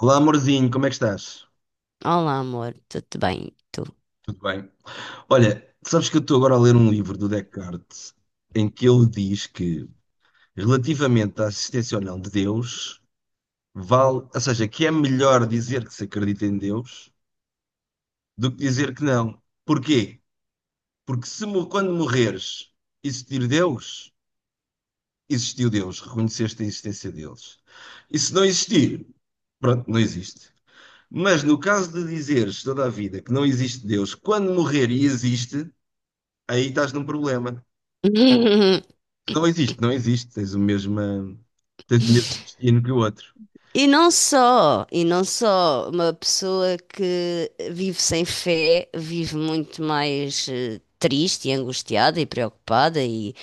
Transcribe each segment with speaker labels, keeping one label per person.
Speaker 1: Olá, amorzinho, como é que estás?
Speaker 2: Olá, amor, tudo bem? Tu?
Speaker 1: Tudo bem? Olha, sabes que eu estou agora a ler um livro do Descartes em que ele diz que, relativamente à existência ou não de Deus, vale, ou seja, que é melhor dizer que se acredita em Deus do que dizer que não. Porquê? Porque se mo- quando morreres existir Deus, existiu Deus, reconheceste a existência deles. E se não existir, pronto, não existe. Mas no caso de dizeres toda a vida que não existe Deus, quando morrer e existe, aí estás num problema. Não existe, não existe. Tens o mesmo destino que o outro.
Speaker 2: E não só, uma pessoa que vive sem fé vive muito mais triste e angustiada e preocupada e,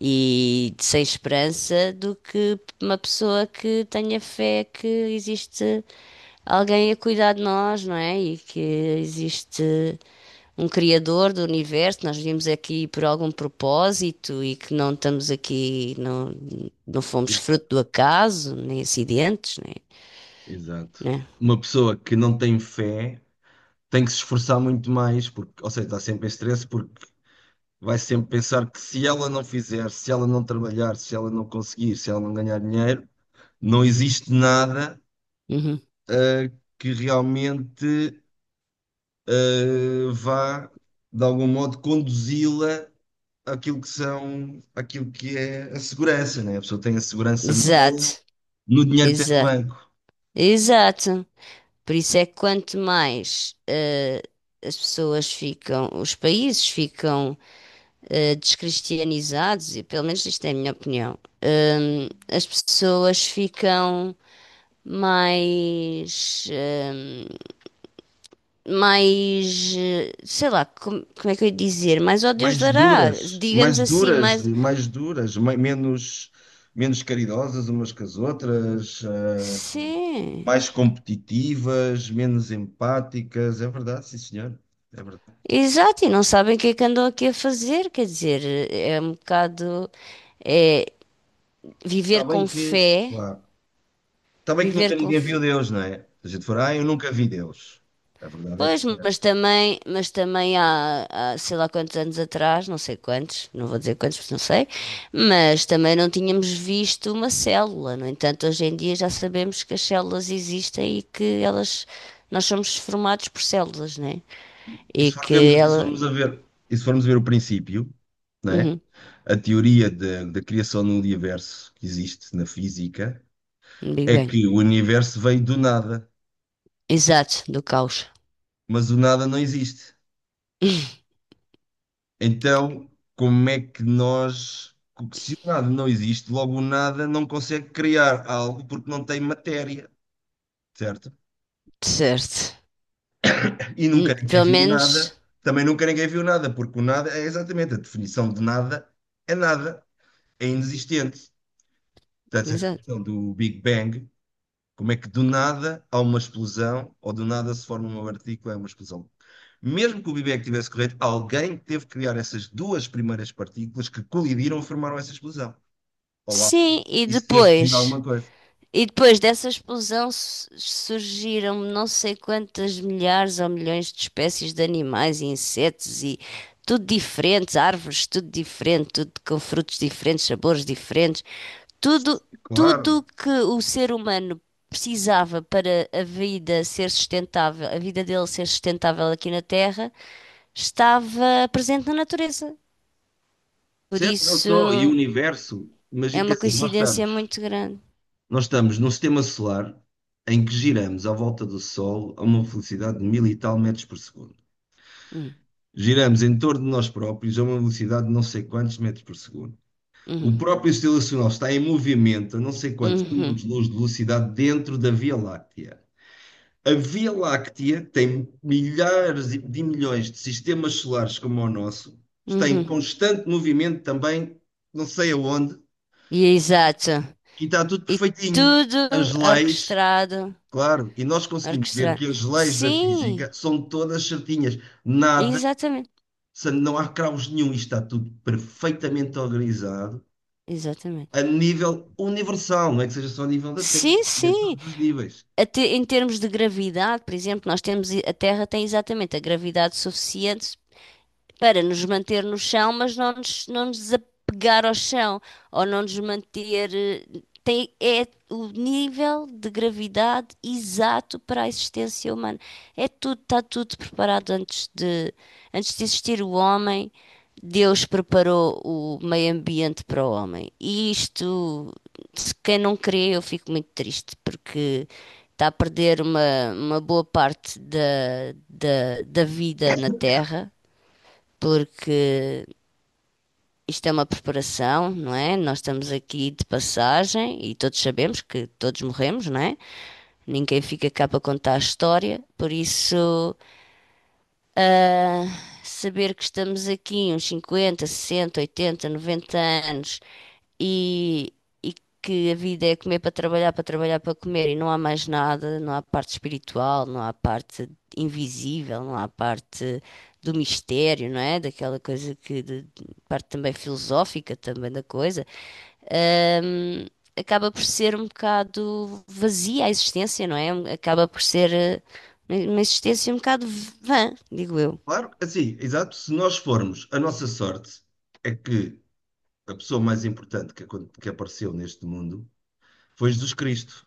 Speaker 2: e sem esperança do que uma pessoa que tenha fé que existe alguém a cuidar de nós, não é? E que existe um criador do universo. Nós vimos aqui por algum propósito e que não estamos aqui, não, não fomos
Speaker 1: Exa-
Speaker 2: fruto do acaso, nem acidentes, nem,
Speaker 1: Exato.
Speaker 2: né?
Speaker 1: Uma pessoa que não tem fé tem que se esforçar muito mais, porque, ou seja, está sempre em stress porque vai sempre pensar que se ela não fizer, se ela não trabalhar, se ela não conseguir, se ela não ganhar dinheiro, não existe nada,
Speaker 2: Uhum.
Speaker 1: eh, que realmente, eh, vá, de algum modo, conduzi-la aquilo que são, aquilo que é a segurança, né? A pessoa tem a segurança nela,
Speaker 2: Exato,
Speaker 1: no dinheiro que tem no
Speaker 2: exato,
Speaker 1: banco.
Speaker 2: exato. Por isso é que quanto mais as pessoas ficam, os países ficam descristianizados, e pelo menos isto é a minha opinião, as pessoas ficam mais. eh, mais, sei lá, como é que eu ia dizer? Mais ó Deus
Speaker 1: Mais
Speaker 2: dará,
Speaker 1: duras,
Speaker 2: digamos
Speaker 1: mais
Speaker 2: assim,
Speaker 1: duras,
Speaker 2: mais.
Speaker 1: mais duras, menos, menos caridosas umas que as outras, eh,
Speaker 2: Sim,
Speaker 1: mais competitivas, menos empáticas. É verdade, sim, senhor. É verdade.
Speaker 2: exato, e não sabem o que é que andam aqui a fazer, quer dizer, é um bocado. É,
Speaker 1: Está
Speaker 2: viver
Speaker 1: bem
Speaker 2: com
Speaker 1: que,
Speaker 2: fé,
Speaker 1: claro, está bem que
Speaker 2: viver
Speaker 1: nunca
Speaker 2: com
Speaker 1: ninguém viu Deus, não é? Se a gente for, ah, eu nunca vi Deus. A verdade é
Speaker 2: Pois,
Speaker 1: que é
Speaker 2: mas
Speaker 1: essa.
Speaker 2: também, mas também há sei lá quantos anos atrás, não sei quantos, não vou dizer quantos, porque não sei, mas também não tínhamos visto uma célula. No entanto, hoje em dia já sabemos que as células existem e que elas, nós somos formados por células, né?
Speaker 1: E
Speaker 2: E
Speaker 1: se
Speaker 2: que
Speaker 1: formos, e se
Speaker 2: ela,
Speaker 1: formos a ver, e se formos a ver o princípio, não é?
Speaker 2: uhum,
Speaker 1: A teoria da criação do universo que existe na física
Speaker 2: Big
Speaker 1: é
Speaker 2: Bang,
Speaker 1: que o universo veio do nada,
Speaker 2: exato, do caos,
Speaker 1: mas o nada não existe. Então, como é que nós, se o nada não existe, logo o nada não consegue criar algo porque não tem matéria, certo?
Speaker 2: certo.
Speaker 1: E nunca ninguém
Speaker 2: Pelo
Speaker 1: viu nada,
Speaker 2: menos,
Speaker 1: também nunca ninguém viu nada, porque o nada é exatamente a definição de nada, é nada, é inexistente. Portanto, a
Speaker 2: exato.
Speaker 1: questão do Big Bang: como é que do nada há uma explosão ou do nada se forma uma partícula, é uma explosão. Mesmo que o Big Bang tivesse correto, alguém teve que criar essas duas primeiras partículas que colidiram e formaram essa explosão. Olá,
Speaker 2: Sim, e
Speaker 1: isso teve que vir de
Speaker 2: depois
Speaker 1: alguma coisa.
Speaker 2: e depois dessa explosão surgiram não sei quantas milhares ou milhões de espécies de animais e insetos e tudo diferentes, árvores, tudo diferente, tudo com frutos diferentes, sabores diferentes, tudo, tudo
Speaker 1: Claro.
Speaker 2: que o ser humano precisava para a vida ser sustentável, a vida dele ser sustentável aqui na Terra, estava presente na natureza. Por
Speaker 1: Certo? Não só, e o
Speaker 2: isso
Speaker 1: universo.
Speaker 2: é
Speaker 1: Imagina que
Speaker 2: uma
Speaker 1: assim, nós
Speaker 2: coincidência
Speaker 1: estamos,
Speaker 2: muito grande.
Speaker 1: nós estamos num sistema solar em que giramos à volta do Sol a uma velocidade de mil e tal metros por segundo.
Speaker 2: Hum,
Speaker 1: Giramos em torno de nós próprios a uma velocidade de não sei quantos metros por segundo. O
Speaker 2: uhum,
Speaker 1: próprio sistema solar está em movimento a não sei quantos
Speaker 2: uhum,
Speaker 1: anos-luz de velocidade dentro da Via Láctea. A Via Láctea tem milhares de milhões de sistemas solares como o nosso, está em
Speaker 2: uhum.
Speaker 1: constante movimento também, não sei aonde,
Speaker 2: E exato.
Speaker 1: e está tudo
Speaker 2: E
Speaker 1: perfeitinho.
Speaker 2: tudo
Speaker 1: As leis,
Speaker 2: orquestrado,
Speaker 1: claro, e nós conseguimos ver
Speaker 2: orquestrado.
Speaker 1: que as leis da
Speaker 2: Sim,
Speaker 1: física são todas certinhas, nada,
Speaker 2: exatamente,
Speaker 1: não há caos nenhum, isto está tudo perfeitamente organizado
Speaker 2: exatamente.
Speaker 1: a nível universal, não é que seja só a nível da
Speaker 2: Sim,
Speaker 1: Terra, é a
Speaker 2: sim.
Speaker 1: todos os níveis.
Speaker 2: Até em termos de gravidade, por exemplo, nós temos a Terra tem exatamente a gravidade suficiente para nos manter no chão, mas não nos desapegar ao chão, ou não nos manter. É o nível de gravidade exato para a existência humana. É tudo, está tudo preparado antes de existir o homem. Deus preparou o meio ambiente para o homem. E isto, se quem não crê, eu fico muito triste, porque está a perder uma boa parte da, da, da vida na Terra, porque isto é uma preparação, não é? Nós estamos aqui de passagem e todos sabemos que todos morremos, não é? Ninguém fica cá para contar a história, por isso saber que estamos aqui uns 50, 60, 80, 90 anos e, e que a vida é comer para trabalhar, para trabalhar para comer e não há mais nada, não há parte espiritual, não há parte invisível, não há parte do mistério, não é? Daquela coisa que, parte também filosófica também da coisa. Ahm, Acaba por ser um bocado vazia a existência, não é? Acaba por ser uma existência um bocado vã, digo eu.
Speaker 1: Claro, assim, exato. Se nós formos, a nossa sorte é que a pessoa mais importante que, que apareceu neste mundo foi Jesus Cristo.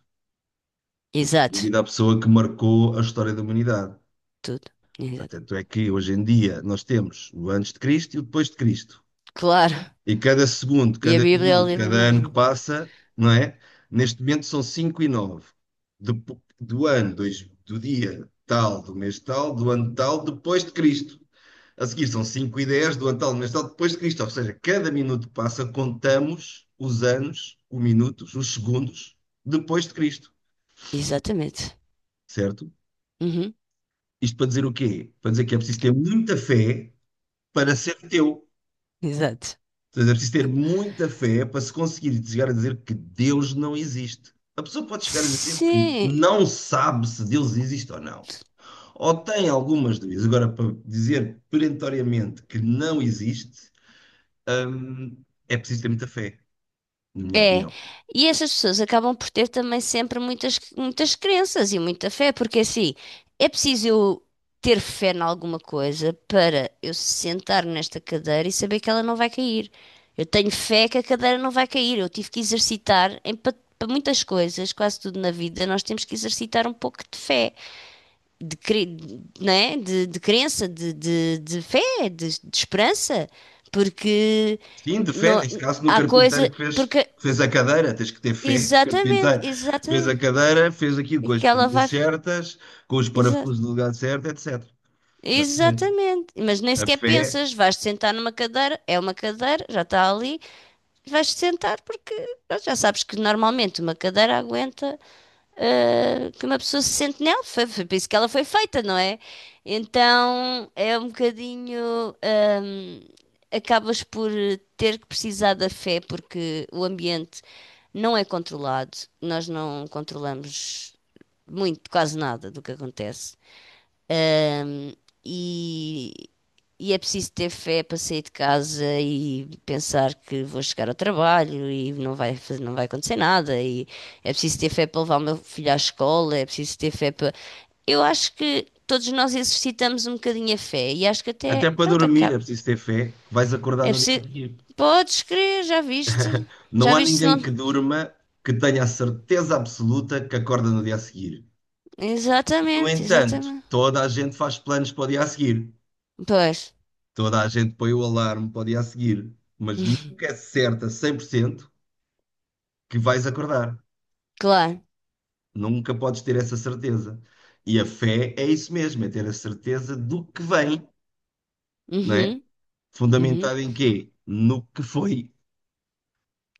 Speaker 1: Foi, sem
Speaker 2: Exato,
Speaker 1: dúvida, a pessoa que marcou a história da humanidade.
Speaker 2: tudo. Exato.
Speaker 1: Tanto é que hoje em dia nós temos o antes de Cristo e o depois de Cristo.
Speaker 2: Claro.
Speaker 1: E cada segundo,
Speaker 2: E a
Speaker 1: cada
Speaker 2: Bíblia é o
Speaker 1: minuto,
Speaker 2: livro
Speaker 1: cada
Speaker 2: mais
Speaker 1: ano que
Speaker 2: lindo.
Speaker 1: passa, não é? Neste momento são 5:09, do ano, dois, do dia tal, do mês tal, do ano tal, depois de Cristo. A seguir são 5:10 do ano tal, do mês tal, depois de Cristo. Ou seja, cada minuto que passa, contamos os anos, os minutos, os segundos, depois de Cristo.
Speaker 2: Exatamente.
Speaker 1: Certo?
Speaker 2: Uhum,
Speaker 1: Isto para dizer o quê? Para dizer que é preciso ter muita fé para ser teu.
Speaker 2: exato.
Speaker 1: Portanto, é preciso ter muita fé para se conseguir chegar a dizer que Deus não existe. A pessoa pode chegar a dizer que
Speaker 2: Sim,
Speaker 1: não sabe se Deus existe ou não. Ou tem algumas dúvidas. Agora, para dizer perentoriamente que não existe, hum, é preciso ter muita fé, na minha
Speaker 2: é.
Speaker 1: opinião.
Speaker 2: E essas pessoas acabam por ter também sempre muitas, muitas crenças e muita fé, porque assim, é preciso eu ter fé em alguma coisa para eu sentar nesta cadeira e saber que ela não vai cair. Eu tenho fé que a cadeira não vai cair. Eu tive que exercitar em, para muitas coisas, quase tudo na vida, nós temos que exercitar um pouco de fé. de, cre- né? De crença, de fé, de esperança, porque
Speaker 1: Sim, de fé,
Speaker 2: não,
Speaker 1: neste caso, no
Speaker 2: há coisa,
Speaker 1: carpinteiro
Speaker 2: porque
Speaker 1: que fez a cadeira, tens que ter fé. O
Speaker 2: exatamente,
Speaker 1: carpinteiro fez
Speaker 2: exatamente,
Speaker 1: a cadeira, fez aquilo
Speaker 2: e
Speaker 1: com
Speaker 2: que
Speaker 1: as
Speaker 2: ela
Speaker 1: medidas
Speaker 2: vai,
Speaker 1: certas, com os
Speaker 2: exa-
Speaker 1: parafusos do lugar certo, etc. Exatamente.
Speaker 2: exatamente, mas nem
Speaker 1: A
Speaker 2: sequer
Speaker 1: fé.
Speaker 2: pensas, vais-te sentar numa cadeira, é uma cadeira, já está ali, vais-te sentar porque pronto, já sabes que normalmente uma cadeira aguenta que uma pessoa se sente nela. Foi, foi por isso que ela foi feita, não é? Então é um bocadinho. Acabas por ter que precisar da fé porque o ambiente não é controlado. Nós não controlamos muito, quase nada do que acontece. E, e é preciso ter fé para sair de casa e pensar que vou chegar ao trabalho e não vai acontecer nada. E é preciso ter fé para levar o meu filho à escola, é preciso ter fé para. Eu acho que todos nós exercitamos um bocadinho a fé e acho que até.
Speaker 1: Até para
Speaker 2: Pronto,
Speaker 1: dormir é
Speaker 2: acaba.
Speaker 1: preciso ter fé que vais acordar
Speaker 2: É
Speaker 1: no dia
Speaker 2: preciso.
Speaker 1: a seguir.
Speaker 2: Podes crer, já viste? Já
Speaker 1: Não há
Speaker 2: viste se
Speaker 1: ninguém
Speaker 2: não.
Speaker 1: que durma que tenha a certeza absoluta que acorda no dia a seguir. No
Speaker 2: Exatamente,
Speaker 1: entanto,
Speaker 2: exatamente.
Speaker 1: toda a gente faz planos para o dia a seguir.
Speaker 2: Pois,
Speaker 1: Toda a gente põe o alarme para o dia a seguir. Mas nunca é certa 100%, que vais acordar.
Speaker 2: claro.
Speaker 1: Nunca podes ter essa certeza. E a fé é isso mesmo, é ter a certeza do que vem, não é?
Speaker 2: Uhum, uhum.
Speaker 1: Fundamentado em quê? No que foi,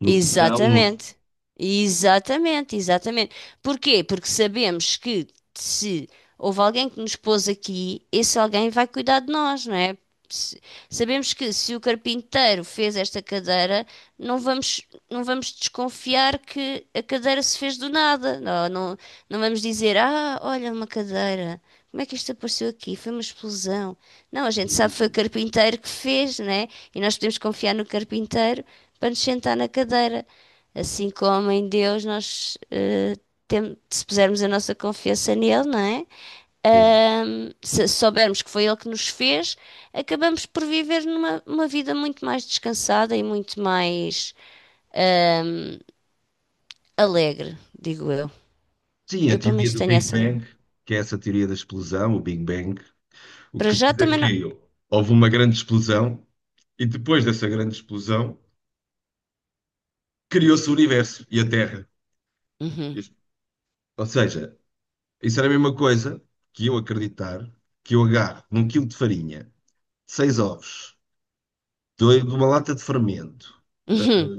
Speaker 1: no que já houve.
Speaker 2: Exatamente. Exatamente, exatamente. Porquê? Porque sabemos que se houve alguém que nos pôs aqui, esse alguém vai cuidar de nós, não é? Se- Sabemos que se o carpinteiro fez esta cadeira, não vamos, não vamos desconfiar que a cadeira se fez do nada. Não, não, não vamos dizer, ah, olha uma cadeira, como é que isto apareceu aqui? Foi uma explosão. Não, a gente sabe que foi o carpinteiro que fez, não é? E nós podemos confiar no carpinteiro para nos sentar na cadeira. Assim como em Deus nós se pusermos a nossa confiança nele, não é?
Speaker 1: Sim.
Speaker 2: Se soubermos que foi ele que nos fez, acabamos por viver numa uma vida muito mais descansada e muito mais ahm, alegre, digo eu.
Speaker 1: Sim, a
Speaker 2: Eu pelo
Speaker 1: teoria
Speaker 2: menos
Speaker 1: do
Speaker 2: tenho
Speaker 1: Big
Speaker 2: essa.
Speaker 1: Bang, que é essa teoria da explosão, o Big Bang, o
Speaker 2: Para
Speaker 1: que
Speaker 2: já
Speaker 1: diz é
Speaker 2: também não.
Speaker 1: que houve uma grande explosão e depois dessa grande explosão criou-se o universo e a Terra.
Speaker 2: Uhum,
Speaker 1: Isto- ou seja, isso era a mesma coisa que eu acreditar que eu agarro num quilo de farinha, seis ovos, dois de uma lata de fermento eh,
Speaker 2: uhum,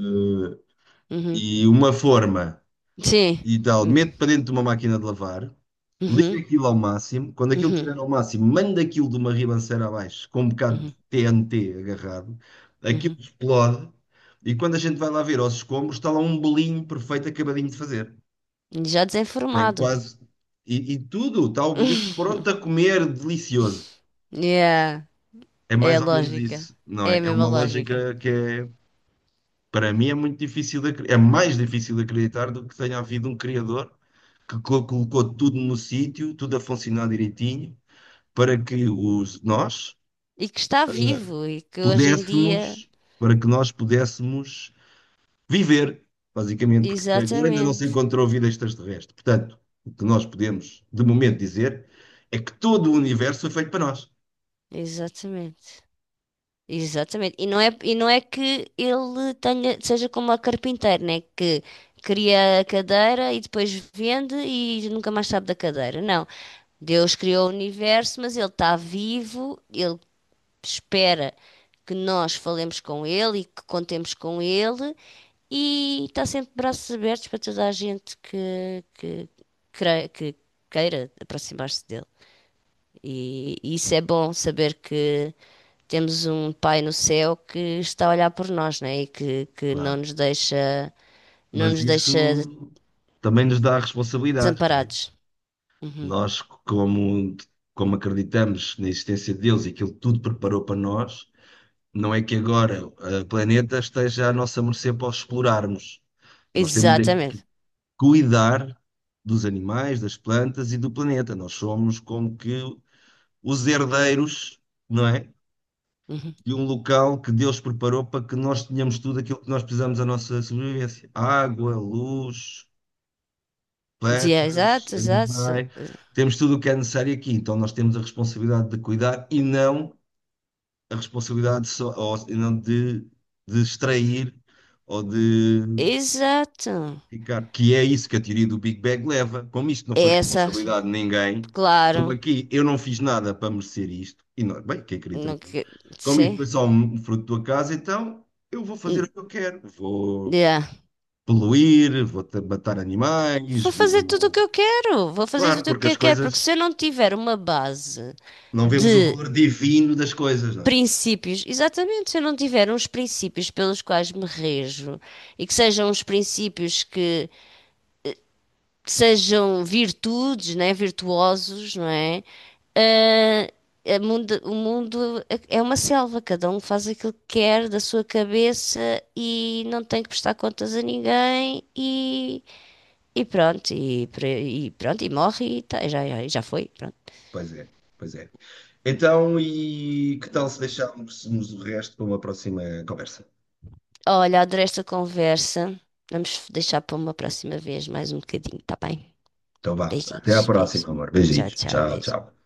Speaker 2: uhum,
Speaker 1: e uma forma,
Speaker 2: sim.
Speaker 1: e tal,
Speaker 2: Uhum,
Speaker 1: mete para dentro de uma máquina de lavar, liga aquilo ao máximo, quando aquilo
Speaker 2: uhum, uhum,
Speaker 1: estiver ao máximo, manda aquilo de uma ribanceira abaixo, com um bocado de
Speaker 2: uhum,
Speaker 1: TNT agarrado, aquilo
Speaker 2: uhum.
Speaker 1: explode, e quando a gente vai lá ver aos escombros, está lá um bolinho perfeito acabadinho de fazer.
Speaker 2: Já
Speaker 1: Tem
Speaker 2: desenformado.
Speaker 1: quase. E tudo, está o bolinho pronto a comer, delicioso.
Speaker 2: Yeah.
Speaker 1: É
Speaker 2: É a
Speaker 1: mais ou menos
Speaker 2: lógica.
Speaker 1: isso, não
Speaker 2: É
Speaker 1: é?
Speaker 2: a
Speaker 1: É
Speaker 2: mesma
Speaker 1: uma
Speaker 2: lógica.
Speaker 1: lógica que é. Para mim é muito difícil, é mais difícil de acreditar do que tenha havido um criador que colocou tudo no sítio, tudo a funcionar direitinho, para que os nós
Speaker 2: E que está
Speaker 1: eh,
Speaker 2: vivo e que hoje em dia.
Speaker 1: pudéssemos, para que nós pudéssemos viver, basicamente, porque até agora ainda não se
Speaker 2: Exatamente.
Speaker 1: encontrou vida extraterrestre. Portanto, o que nós podemos, de momento, dizer é que todo o universo foi feito para nós,
Speaker 2: Exatamente. Exatamente. E não é que ele tenha, seja como a carpinteira, né? Que cria a cadeira e depois vende e nunca mais sabe da cadeira. Não. Deus criou o universo, mas ele está vivo, ele espera que nós falemos com ele e que contemos com ele e está sempre de braços abertos para toda a gente que queira aproximar-se dele. E isso é bom saber que temos um Pai no céu que está a olhar por nós, né? E que não
Speaker 1: claro.
Speaker 2: nos deixa, não
Speaker 1: Mas
Speaker 2: nos deixa
Speaker 1: isso também nos dá responsabilidades.
Speaker 2: desamparados. Uhum.
Speaker 1: Nós, como, como acreditamos na existência de Deus e que Ele tudo preparou para nós, não é que agora o planeta esteja à nossa mercê para os explorarmos. Nós temos é
Speaker 2: Exatamente.
Speaker 1: cuidar dos animais, das plantas e do planeta. Nós somos como que os herdeiros, não é?
Speaker 2: Uhum.
Speaker 1: De um local que Deus preparou para que nós tenhamos tudo aquilo que nós precisamos à nossa sobrevivência: água, luz,
Speaker 2: Dizia,
Speaker 1: plantas,
Speaker 2: exato, exato,
Speaker 1: animais, temos tudo o que é necessário aqui. Então nós temos a responsabilidade de cuidar e não a responsabilidade só, ou, e não de, de extrair ou de
Speaker 2: exato.
Speaker 1: ficar. Que é isso que a teoria do Big Bang leva. Como isto não foi
Speaker 2: É essa,
Speaker 1: responsabilidade de ninguém, como
Speaker 2: claro.
Speaker 1: aqui eu não fiz nada para merecer isto, e nós, bem, quem queria também,
Speaker 2: Não
Speaker 1: não.
Speaker 2: que...
Speaker 1: Como isto
Speaker 2: Sim.
Speaker 1: foi só um fruto da casa, então eu vou fazer o
Speaker 2: Hum,
Speaker 1: que eu quero. Vou
Speaker 2: yeah.
Speaker 1: poluir, vou matar animais,
Speaker 2: Vou fazer tudo o que
Speaker 1: vou...
Speaker 2: eu quero. Vou fazer
Speaker 1: Claro,
Speaker 2: tudo o
Speaker 1: porque
Speaker 2: que
Speaker 1: as
Speaker 2: eu quero. Porque
Speaker 1: coisas.
Speaker 2: se eu não tiver uma base
Speaker 1: Não vemos o
Speaker 2: de
Speaker 1: valor divino das coisas, não é?
Speaker 2: princípios, exatamente, se eu não tiver uns princípios pelos quais me rejo e que sejam uns princípios que sejam virtudes, né? Virtuosos, não é? Ah, o mundo é uma selva, cada um faz aquilo que quer da sua cabeça e não tem que prestar contas a ninguém e E pronto, e morre e tá, já já foi, pronto.
Speaker 1: Pois é, pois é. Então, e que tal se deixarmos o resto para uma próxima conversa?
Speaker 2: Olha, adorei esta conversa. Vamos deixar para uma próxima vez mais um bocadinho, tá bem?
Speaker 1: Então vá, até à
Speaker 2: Beijinhos, beijinhos.
Speaker 1: próxima, amor.
Speaker 2: Tchau,
Speaker 1: Beijinhos.
Speaker 2: tchau,
Speaker 1: Tchau, tchau.
Speaker 2: beijinhos.